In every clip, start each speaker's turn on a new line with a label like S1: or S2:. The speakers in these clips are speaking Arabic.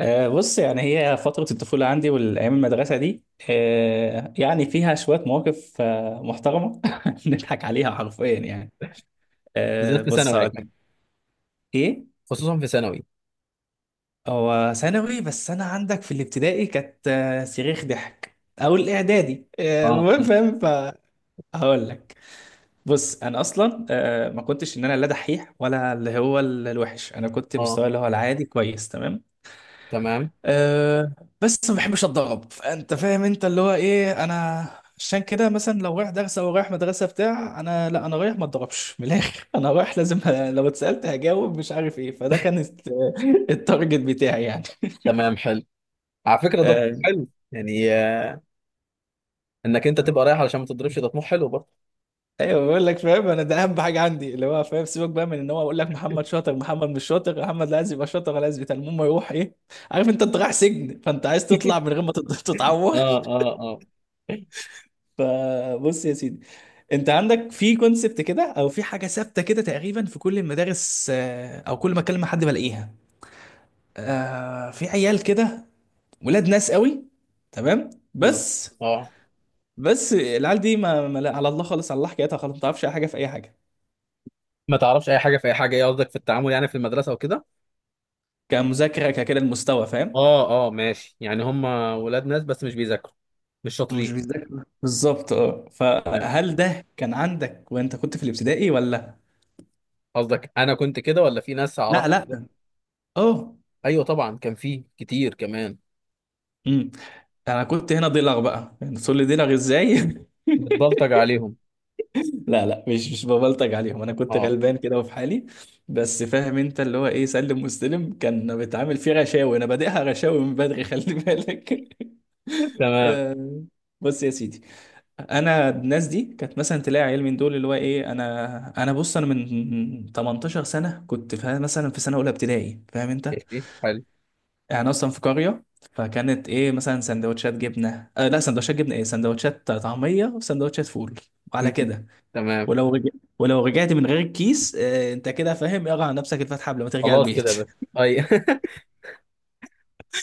S1: بص يعني هي فترة الطفولة عندي والأيام المدرسة دي. يعني فيها شوية مواقف محترمة، نضحك عليها حرفيا يعني.
S2: بالذات في
S1: بص
S2: ثانوي
S1: هقول لك.
S2: اكيد.
S1: إيه.
S2: خصوصا في ثانوي.
S1: هو ثانوي بس، أنا عندك في الابتدائي كانت صريخ ضحك، أو الإعدادي.
S2: اه
S1: المهم فاهم. فهقول لك. بص، أنا أصلا ما كنتش إن أنا لا دحيح ولا اللي هو الوحش، أنا كنت
S2: اه.
S1: مستواي اللي هو العادي، كويس تمام.
S2: تمام.
S1: أه. بس ما بحبش اتضرب، فانت فاهم انت اللي هو ايه انا. عشان كده مثلا، لو رايح درس او رايح مدرسه بتاع، انا لا، انا رايح ما اتضربش من الاخر. انا رايح لازم لو اتسالت هجاوب، مش عارف ايه، فده كان التارجت بتاعي يعني.
S2: تمام حلو، على فكره ده طموح
S1: أه،
S2: حلو يعني، انك انت تبقى رايح علشان ما تضربش، ده طموح حلو برضه.
S1: ايوه بقول لك، فاهم، انا ده اهم حاجه عندي، اللي هو فاهم. سيبك بقى من ان هو اقول لك محمد شاطر، محمد مش شاطر، محمد لا عايز يبقى شاطر ولا عايز بتاع، المهم يروح ايه. عارف انت رايح سجن، فانت عايز تطلع من غير ما
S2: اه
S1: تتعور.
S2: اه اه.
S1: فبص يا سيدي، انت عندك في كونسبت كده، او في حاجه ثابته كده تقريبا في كل المدارس، او كل ما اكلم مع حد بلاقيها. في عيال كده، ولاد ناس قوي، تمام
S2: بالظبط.
S1: بس.
S2: اه،
S1: بس العيال دي ما، لا على الله خالص، على الله حكايتها خالص، ما تعرفش اي حاجه في اي حاجه.
S2: ما تعرفش اي حاجه في اي حاجه. ايه قصدك، في التعامل يعني في المدرسه وكده؟
S1: كمذاكره، ككده المستوى، فاهم.
S2: اه اه، ماشي، يعني هم ولاد ناس بس مش بيذاكروا، مش شاطرين.
S1: ومش بيذاكر بالظبط، اه.
S2: تمام.
S1: فهل ده كان عندك وانت كنت في الابتدائي ولا؟
S2: قصدك انا كنت كده ولا في ناس
S1: لا،
S2: اعرفها كده؟
S1: لا. اه.
S2: ايوه طبعا، كان في كتير كمان.
S1: امم. انا كنت هنا ضلع بقى، يعني تقول لي ضلع ازاي؟
S2: بتبلطج عليهم.
S1: لا، لا، مش ببلطج عليهم، انا كنت
S2: اه.
S1: غلبان كده وفي حالي. بس فاهم انت اللي هو ايه، سلم واستلم، كان بيتعامل فيه غشاوي، انا بادئها غشاوي من بدري، خلي بالك.
S2: تمام.
S1: آه، بص يا سيدي، انا الناس دي كانت مثلا تلاقي عيال من دول اللي هو ايه، انا بص، انا من 18 سنه كنت مثلا في سنه اولى ابتدائي، فاهم انت.
S2: ماشي حلو.
S1: يعني اصلا في قريه. فكانت ايه مثلا سندوتشات جبنه، لا، سندوتشات جبنه ايه، سندوتشات طعميه وسندوتشات فول، وعلى
S2: م.
S1: كده.
S2: تمام.
S1: ولو رجع... ولو رجعت من غير الكيس، انت كده فاهم، اقرا على نفسك الفاتحه قبل ما ترجع
S2: خلاص كده
S1: البيت.
S2: يا باشا. اي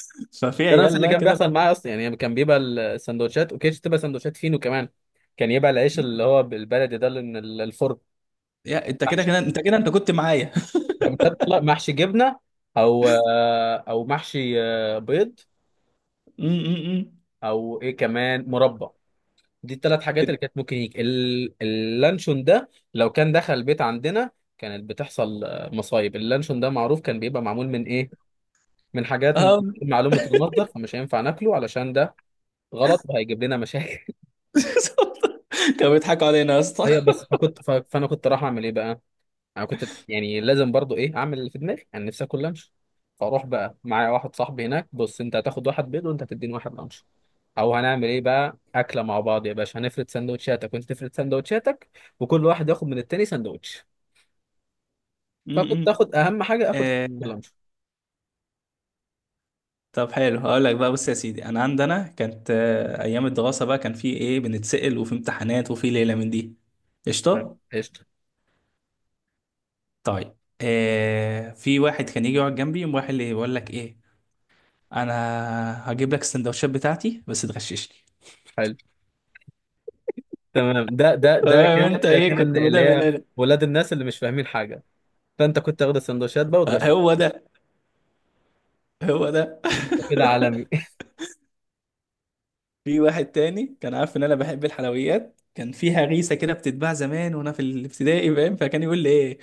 S1: ففي
S2: ده نفس
S1: عيال
S2: اللي
S1: بقى
S2: كان
S1: كده.
S2: بيحصل معايا اصلا، يعني كان بيبقى السندوتشات، وكانتش تبقى سندوتشات فينو كمان. كان يبقى العيش اللي هو بالبلدي ده، اللي من الفرن.
S1: يا انت كده
S2: محشي.
S1: كده، انت كده انت كنت معايا.
S2: كان بيطلع محشي جبنه، او او محشي بيض،
S1: م- م- م.
S2: او ايه كمان، مربى. دي الثلاث حاجات
S1: كده.
S2: اللي كانت ممكن يجي. اللانشون ده لو كان دخل البيت عندنا كانت بتحصل مصايب. اللانشون ده معروف كان بيبقى معمول من ايه، من حاجات من
S1: اه.
S2: معلومة المصدر، فمش هينفع ناكله، علشان ده غلط وهيجيب لنا مشاكل.
S1: كانوا بيضحكوا علينا يا اسطى.
S2: ايوه، بس فكنت فانا كنت راح اعمل ايه بقى؟ انا كنت يعني لازم برضو ايه، اعمل اللي في دماغي، انا نفسي اكل لانش. فاروح بقى معايا واحد صاحبي هناك، بص انت هتاخد واحد بيض وانت هتديني واحد لانش، او هنعمل ايه بقى، اكله مع بعض يا باشا، هنفرد سندوتشاتك وانت تفرد سندوتشاتك، وكل واحد ياخد من التاني سندوتش.
S1: م-
S2: فكنت
S1: م.
S2: اخد اهم حاجه، اخد
S1: آه،
S2: اللانش.
S1: طب حلو، هقول لك بقى. بص يا سيدي، انا عندنا كانت ايام الدراسه بقى، كان في ايه، بنتسأل وفي امتحانات وفي ليله من دي.
S2: تمام
S1: قشطه.
S2: قشطه.
S1: طيب. في واحد كان يجي يقعد جنبي، يقوم رايح اللي يقول لك ايه: انا هجيب لك السندوتشات بتاعتي بس تغششني.
S2: حلو. تمام. ده ده ده
S1: تمام،
S2: كان
S1: انت
S2: ده
S1: ايه
S2: كان
S1: كنت
S2: اللي
S1: بدأ من
S2: هي
S1: هنا.
S2: ولاد الناس اللي مش فاهمين حاجه. فانت كنت تاخد السندوتشات بقى وتغش؟
S1: هو ده، هو ده.
S2: انت كده عالمي.
S1: في واحد تاني كان عارف ان انا بحب الحلويات، كان فيها غيسه كده بتتباع زمان وانا في الابتدائي، فاهم، فكان يقول لي ايه: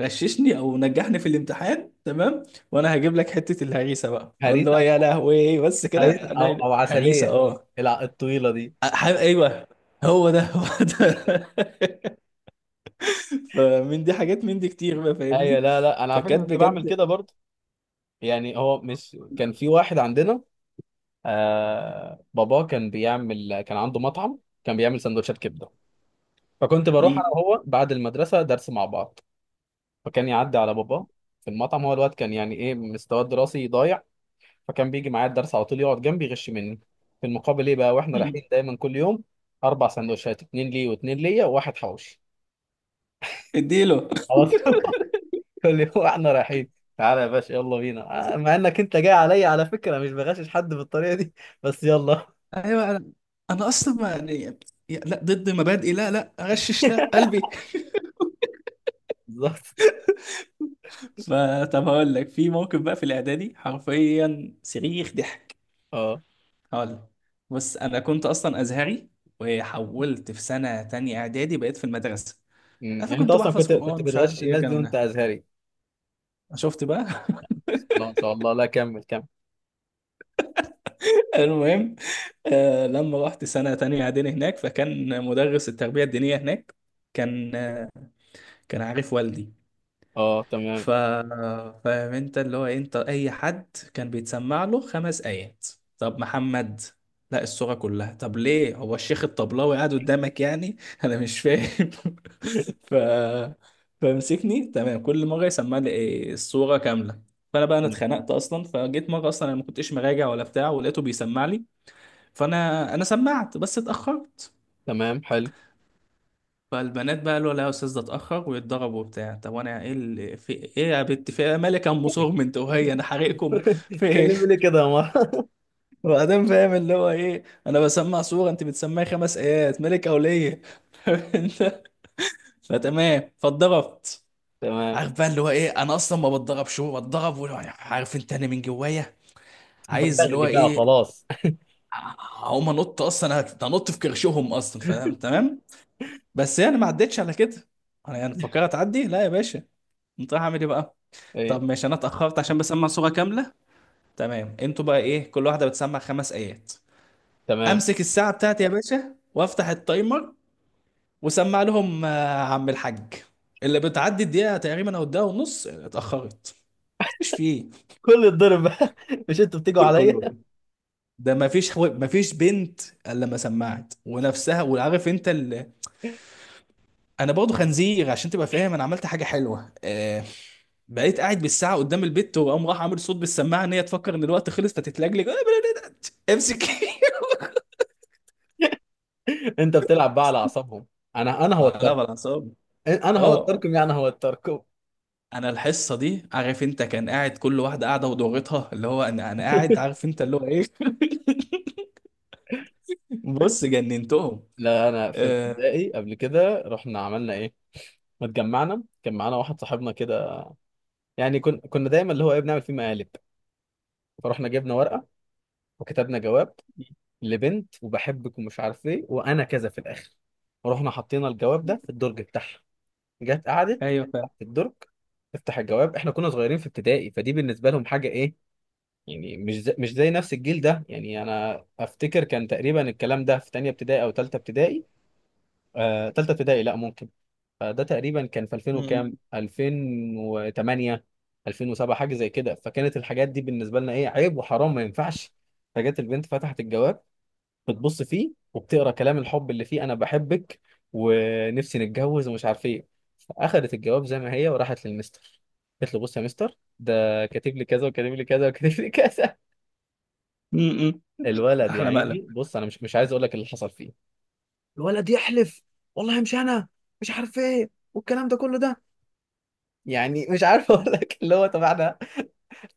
S1: غششني او نجحني في الامتحان، تمام، وانا هجيب لك حته الهريسه. بقى اقول
S2: هريس.
S1: له يا لهوي، بس كده؟
S2: او
S1: انا
S2: او
S1: هريسه؟
S2: عسليه،
S1: اه.
S2: الطويله دي.
S1: ايوه. هو ده، هو ده. فمن دي حاجات، من دي كتير بقى،
S2: ايوه،
S1: فاهمني.
S2: لا لا انا على فكره
S1: فكانت
S2: كنت بعمل كده
S1: بجد.
S2: برضه. يعني هو مش كان في واحد عندنا، باباه كان بيعمل، كان عنده مطعم، كان بيعمل سندوتشات كبده. فكنت بروح انا
S1: مم.
S2: وهو بعد المدرسه درس مع بعض، فكان يعدي على باباه في المطعم. هو الوقت كان يعني ايه، مستواه الدراسي ضايع. فكان بيجي معايا الدرس على طول، يقعد جنبي يغش مني. في المقابل ايه بقى، واحنا
S1: مم.
S2: رايحين دايما كل يوم، اربع سندوتشات، اتنين ليه واتنين ليا وواحد حوشي.
S1: اديله.
S2: على طول. اللي هو احنا رايحين، تعالى يا باشا يلا بينا، مع انك انت جاي عليا، على فكره مش بغشش حد بالطريقه دي، بس يلا
S1: ايوه. انا اصلا، ما يعني، لا، ضد مبادئي، لا، لا اغشش، لا، قلبي.
S2: بالظبط.
S1: فطب هقول لك، في موقف بقى في الاعدادي حرفيا صريخ ضحك.
S2: اه.
S1: هقول لك. بص، انا كنت اصلا ازهري، وحولت في سنه تانية اعدادي، بقيت في المدرسه.
S2: أمم. يعني انت
S1: فكنت
S2: اصلا
S1: بحفظ
S2: كنت
S1: قران، مش عارف
S2: بتغشش
S1: ايه
S2: الناس دي
S1: الكلام
S2: وانت
S1: ده.
S2: ازهري؟
S1: شفت بقى؟
S2: لا ما شاء الله، لا كمل كمل.
S1: المهم. لما رحت سنه تانية اعدادي هناك، فكان مدرس التربيه الدينيه هناك، كان كان عارف والدي.
S2: اه تمام.
S1: ف فاهم انت اللي هو إيه، انت اي حد كان بيتسمع له خمس ايات. طب محمد لا، الصورة كلها. طب ليه، هو الشيخ الطبلاوي قاعد قدامك يعني؟ انا مش فاهم. ف فمسكني، تمام، كل مرة يسمع لي إيه، الصورة كاملة. فانا بقى انا اتخنقت اصلا، فجيت مره اصلا انا ما كنتش مراجع ولا بتاع، ولقيته بيسمع لي. فانا سمعت بس اتاخرت.
S2: تمام حلو.
S1: فالبنات بقى قالوا لا يا استاذ، ده اتاخر ويتضرب وبتاع. طب وانا ايه اللي في ايه يا بنت، في إيه؟ مالك يا ام صورم، انت وهي انا حارقكم. في ايه؟
S2: تكلمني ليه كده يا مره؟
S1: وبعدين فاهم اللي هو ايه، انا بسمع صوره، انت بتسمعي خمس ايات، مالك يا وليه؟ انت. فتمام، فاتضربت.
S2: تمام.
S1: عارف بقى اللي هو ايه، انا اصلا ما بتضربش، هو بتضرب، عارف انت، انا من جوايا عايز اللي
S2: بغلي
S1: هو
S2: بقى،
S1: ايه.
S2: خلاص.
S1: هقوم انط اصلا، انط في كرشهم اصلا، فاهم تمام. بس يعني ما عدتش على كده. انا يعني فكرت اعدي، لا يا باشا، انت رايح اعمل ايه بقى.
S2: ايه.
S1: طب ماشي، انا اتاخرت عشان بسمع صوره كامله، تمام. انتوا بقى ايه، كل واحده بتسمع خمس ايات.
S2: تمام.
S1: امسك الساعه بتاعتي يا باشا وافتح التايمر، وسمع لهم عم الحاج. اللي بتعدي الدقيقه تقريبا، او الدقيقه ونص، اتاخرت، مش فيه.
S2: كل الضرب بقى. مش انتوا بتيجوا
S1: كله
S2: عليا؟
S1: ايه، ده ما فيش، ما فيش بنت. الا لما سمعت ونفسها، وعارف انت انا برضه خنزير، عشان تبقى فاهم انا عملت حاجه حلوه. بقيت قاعد بالساعه قدام البت، وقام راح عامل صوت بالسماعه ان هي تفكر ان الوقت خلص فتتلجلج. امسك.
S2: انت بتلعب بقى على اعصابهم. انا
S1: لا
S2: هوتركم.
S1: بالعصاب.
S2: انا
S1: اه.
S2: هوتركم، يعني هوتركم.
S1: انا الحصه دي عارف انت، كان قاعد كل واحده قاعده ودورتها، اللي هو انا قاعد، عارف انت اللي هو ايه. بص، جننتهم.
S2: لا، انا في
S1: آه.
S2: ابتدائي قبل كده رحنا عملنا ايه، ما اتجمعنا، كان معانا واحد صاحبنا كده، يعني كنا دايما اللي هو ايه، بنعمل فيه مقالب. فرحنا جبنا ورقه، وكتبنا جواب لبنت، وبحبك ومش عارف ايه وانا كذا في الاخر، ورحنا حطينا الجواب ده في الدرج بتاعها. جت قعدت
S1: ايوه فاهم.
S2: تحت الدرج، تفتح الجواب. احنا كنا صغيرين في ابتدائي، فدي بالنسبه لهم حاجه ايه يعني، مش زي نفس الجيل ده، يعني انا افتكر كان تقريبا الكلام ده في تانية ابتدائي او تالتة ابتدائي، تالتة ابتدائي لا ممكن. فده تقريبا كان في 2000
S1: م-
S2: وكام، 2008، 2007، حاجه زي كده. فكانت الحاجات دي بالنسبه لنا ايه، عيب وحرام ما ينفعش. فجت البنت، فتحت الجواب، بتبص فيه وبتقرا كلام الحب اللي فيه، انا بحبك ونفسي نتجوز ومش عارف ايه. فاخدت الجواب زي ما هي وراحت للمستر، قالت له بص يا مستر، ده كاتب لي كذا وكاتب لي كذا وكاتب لي كذا.
S1: م- م.
S2: الولد يا
S1: احلى مقلب.
S2: عيني، بص انا مش عايز اقول لك اللي حصل فيه. الولد يحلف، والله مش انا، مش عارف ايه والكلام ده كله ده. يعني مش عارف اقول لك اللي هو، طب احنا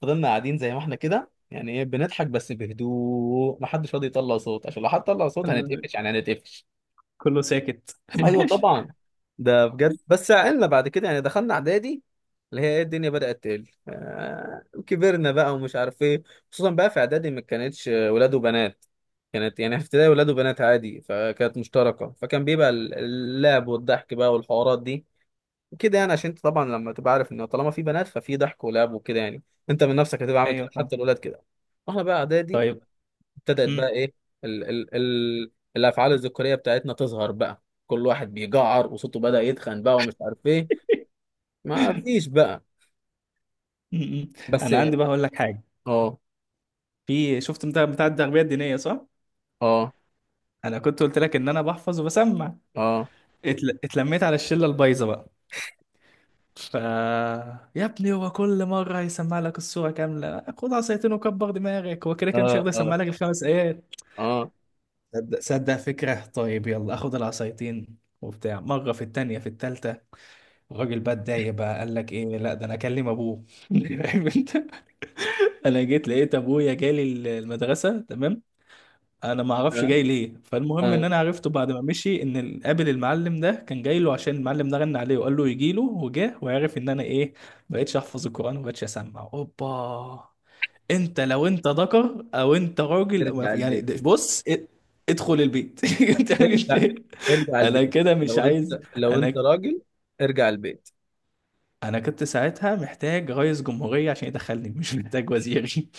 S2: فضلنا قاعدين زي ما احنا كده، يعني ايه، بنضحك بس بهدوء، ما حدش راضي يطلع صوت، عشان لو حد طلع صوت
S1: ال-
S2: هنتقفش، يعني هنتقفش.
S1: كله ساكت.
S2: ايوه طبعا. ده بجد. بس عقلنا بعد كده يعني، دخلنا اعدادي، اللي هي ايه، الدنيا بدأت تقل، آه كبرنا بقى ومش عارف ايه. خصوصا بقى في اعدادي، ما كانتش ولاد وبنات. كانت يعني في ابتدائي ولاد وبنات عادي، فكانت مشتركة، فكان بيبقى اللعب والضحك بقى والحوارات دي كده يعني. عشان انت طبعا لما تبقى عارف ان طالما في بنات، ففي ضحك ولعب وكده يعني، انت من نفسك هتبقى عامل كده،
S1: ايوه فاهم،
S2: حتى الاولاد كده. واحنا بقى اعدادي،
S1: طيب.
S2: ابتدت
S1: م-
S2: بقى ايه، ال الافعال الذكوريه بتاعتنا تظهر بقى، كل واحد بيجعر وصوته بدأ يتخن بقى ومش عارف ايه. ما فيش بقى.
S1: م- م.
S2: بس.
S1: انا عندي بقى هقول لك حاجه.
S2: اه
S1: في، شفت انت بتاع التربيه الدينيه، صح؟
S2: اه
S1: انا كنت قلت لك ان انا بحفظ وبسمع.
S2: اه
S1: اتلميت على الشله البايظه بقى. يا ابني، هو كل مرة هيسمع لك الصورة كاملة، خد عصايتين وكبر دماغك، هو كده كده مش
S2: اه
S1: هيقدر يسمع
S2: اه
S1: لك الخمس آيات.
S2: اه
S1: صدق صدق فكرة، طيب يلا، اخد العصايتين وبتاع مرة، في التانية، في التالتة. الراجل بقى اتضايق بقى، قال لك ايه، لا ده انا اكلم ابوه. فاهم انت. انا جيت لقيت ابويا جالي المدرسة، تمام. انا ما اعرفش
S2: اه
S1: جاي ليه، فالمهم ان
S2: اه.
S1: انا عرفته بعد ما مشي ان قابل المعلم ده، كان جاي له عشان المعلم ده غنى عليه وقال له يجي له، وجاه، وعرف ان انا ايه. بقيتش احفظ القران وبقيتش اسمع، اوبا. انت لو انت ذكر او انت راجل، أو
S2: ارجع
S1: يعني
S2: البيت.
S1: بص ادخل البيت. انت مش
S2: ارجع. ارجع
S1: انا
S2: البيت
S1: كده، مش
S2: لو انت،
S1: عايز
S2: لو انت
S1: انا
S2: راجل، ارجع البيت
S1: انا كنت ساعتها محتاج رئيس جمهورية عشان يدخلني، مش محتاج وزير.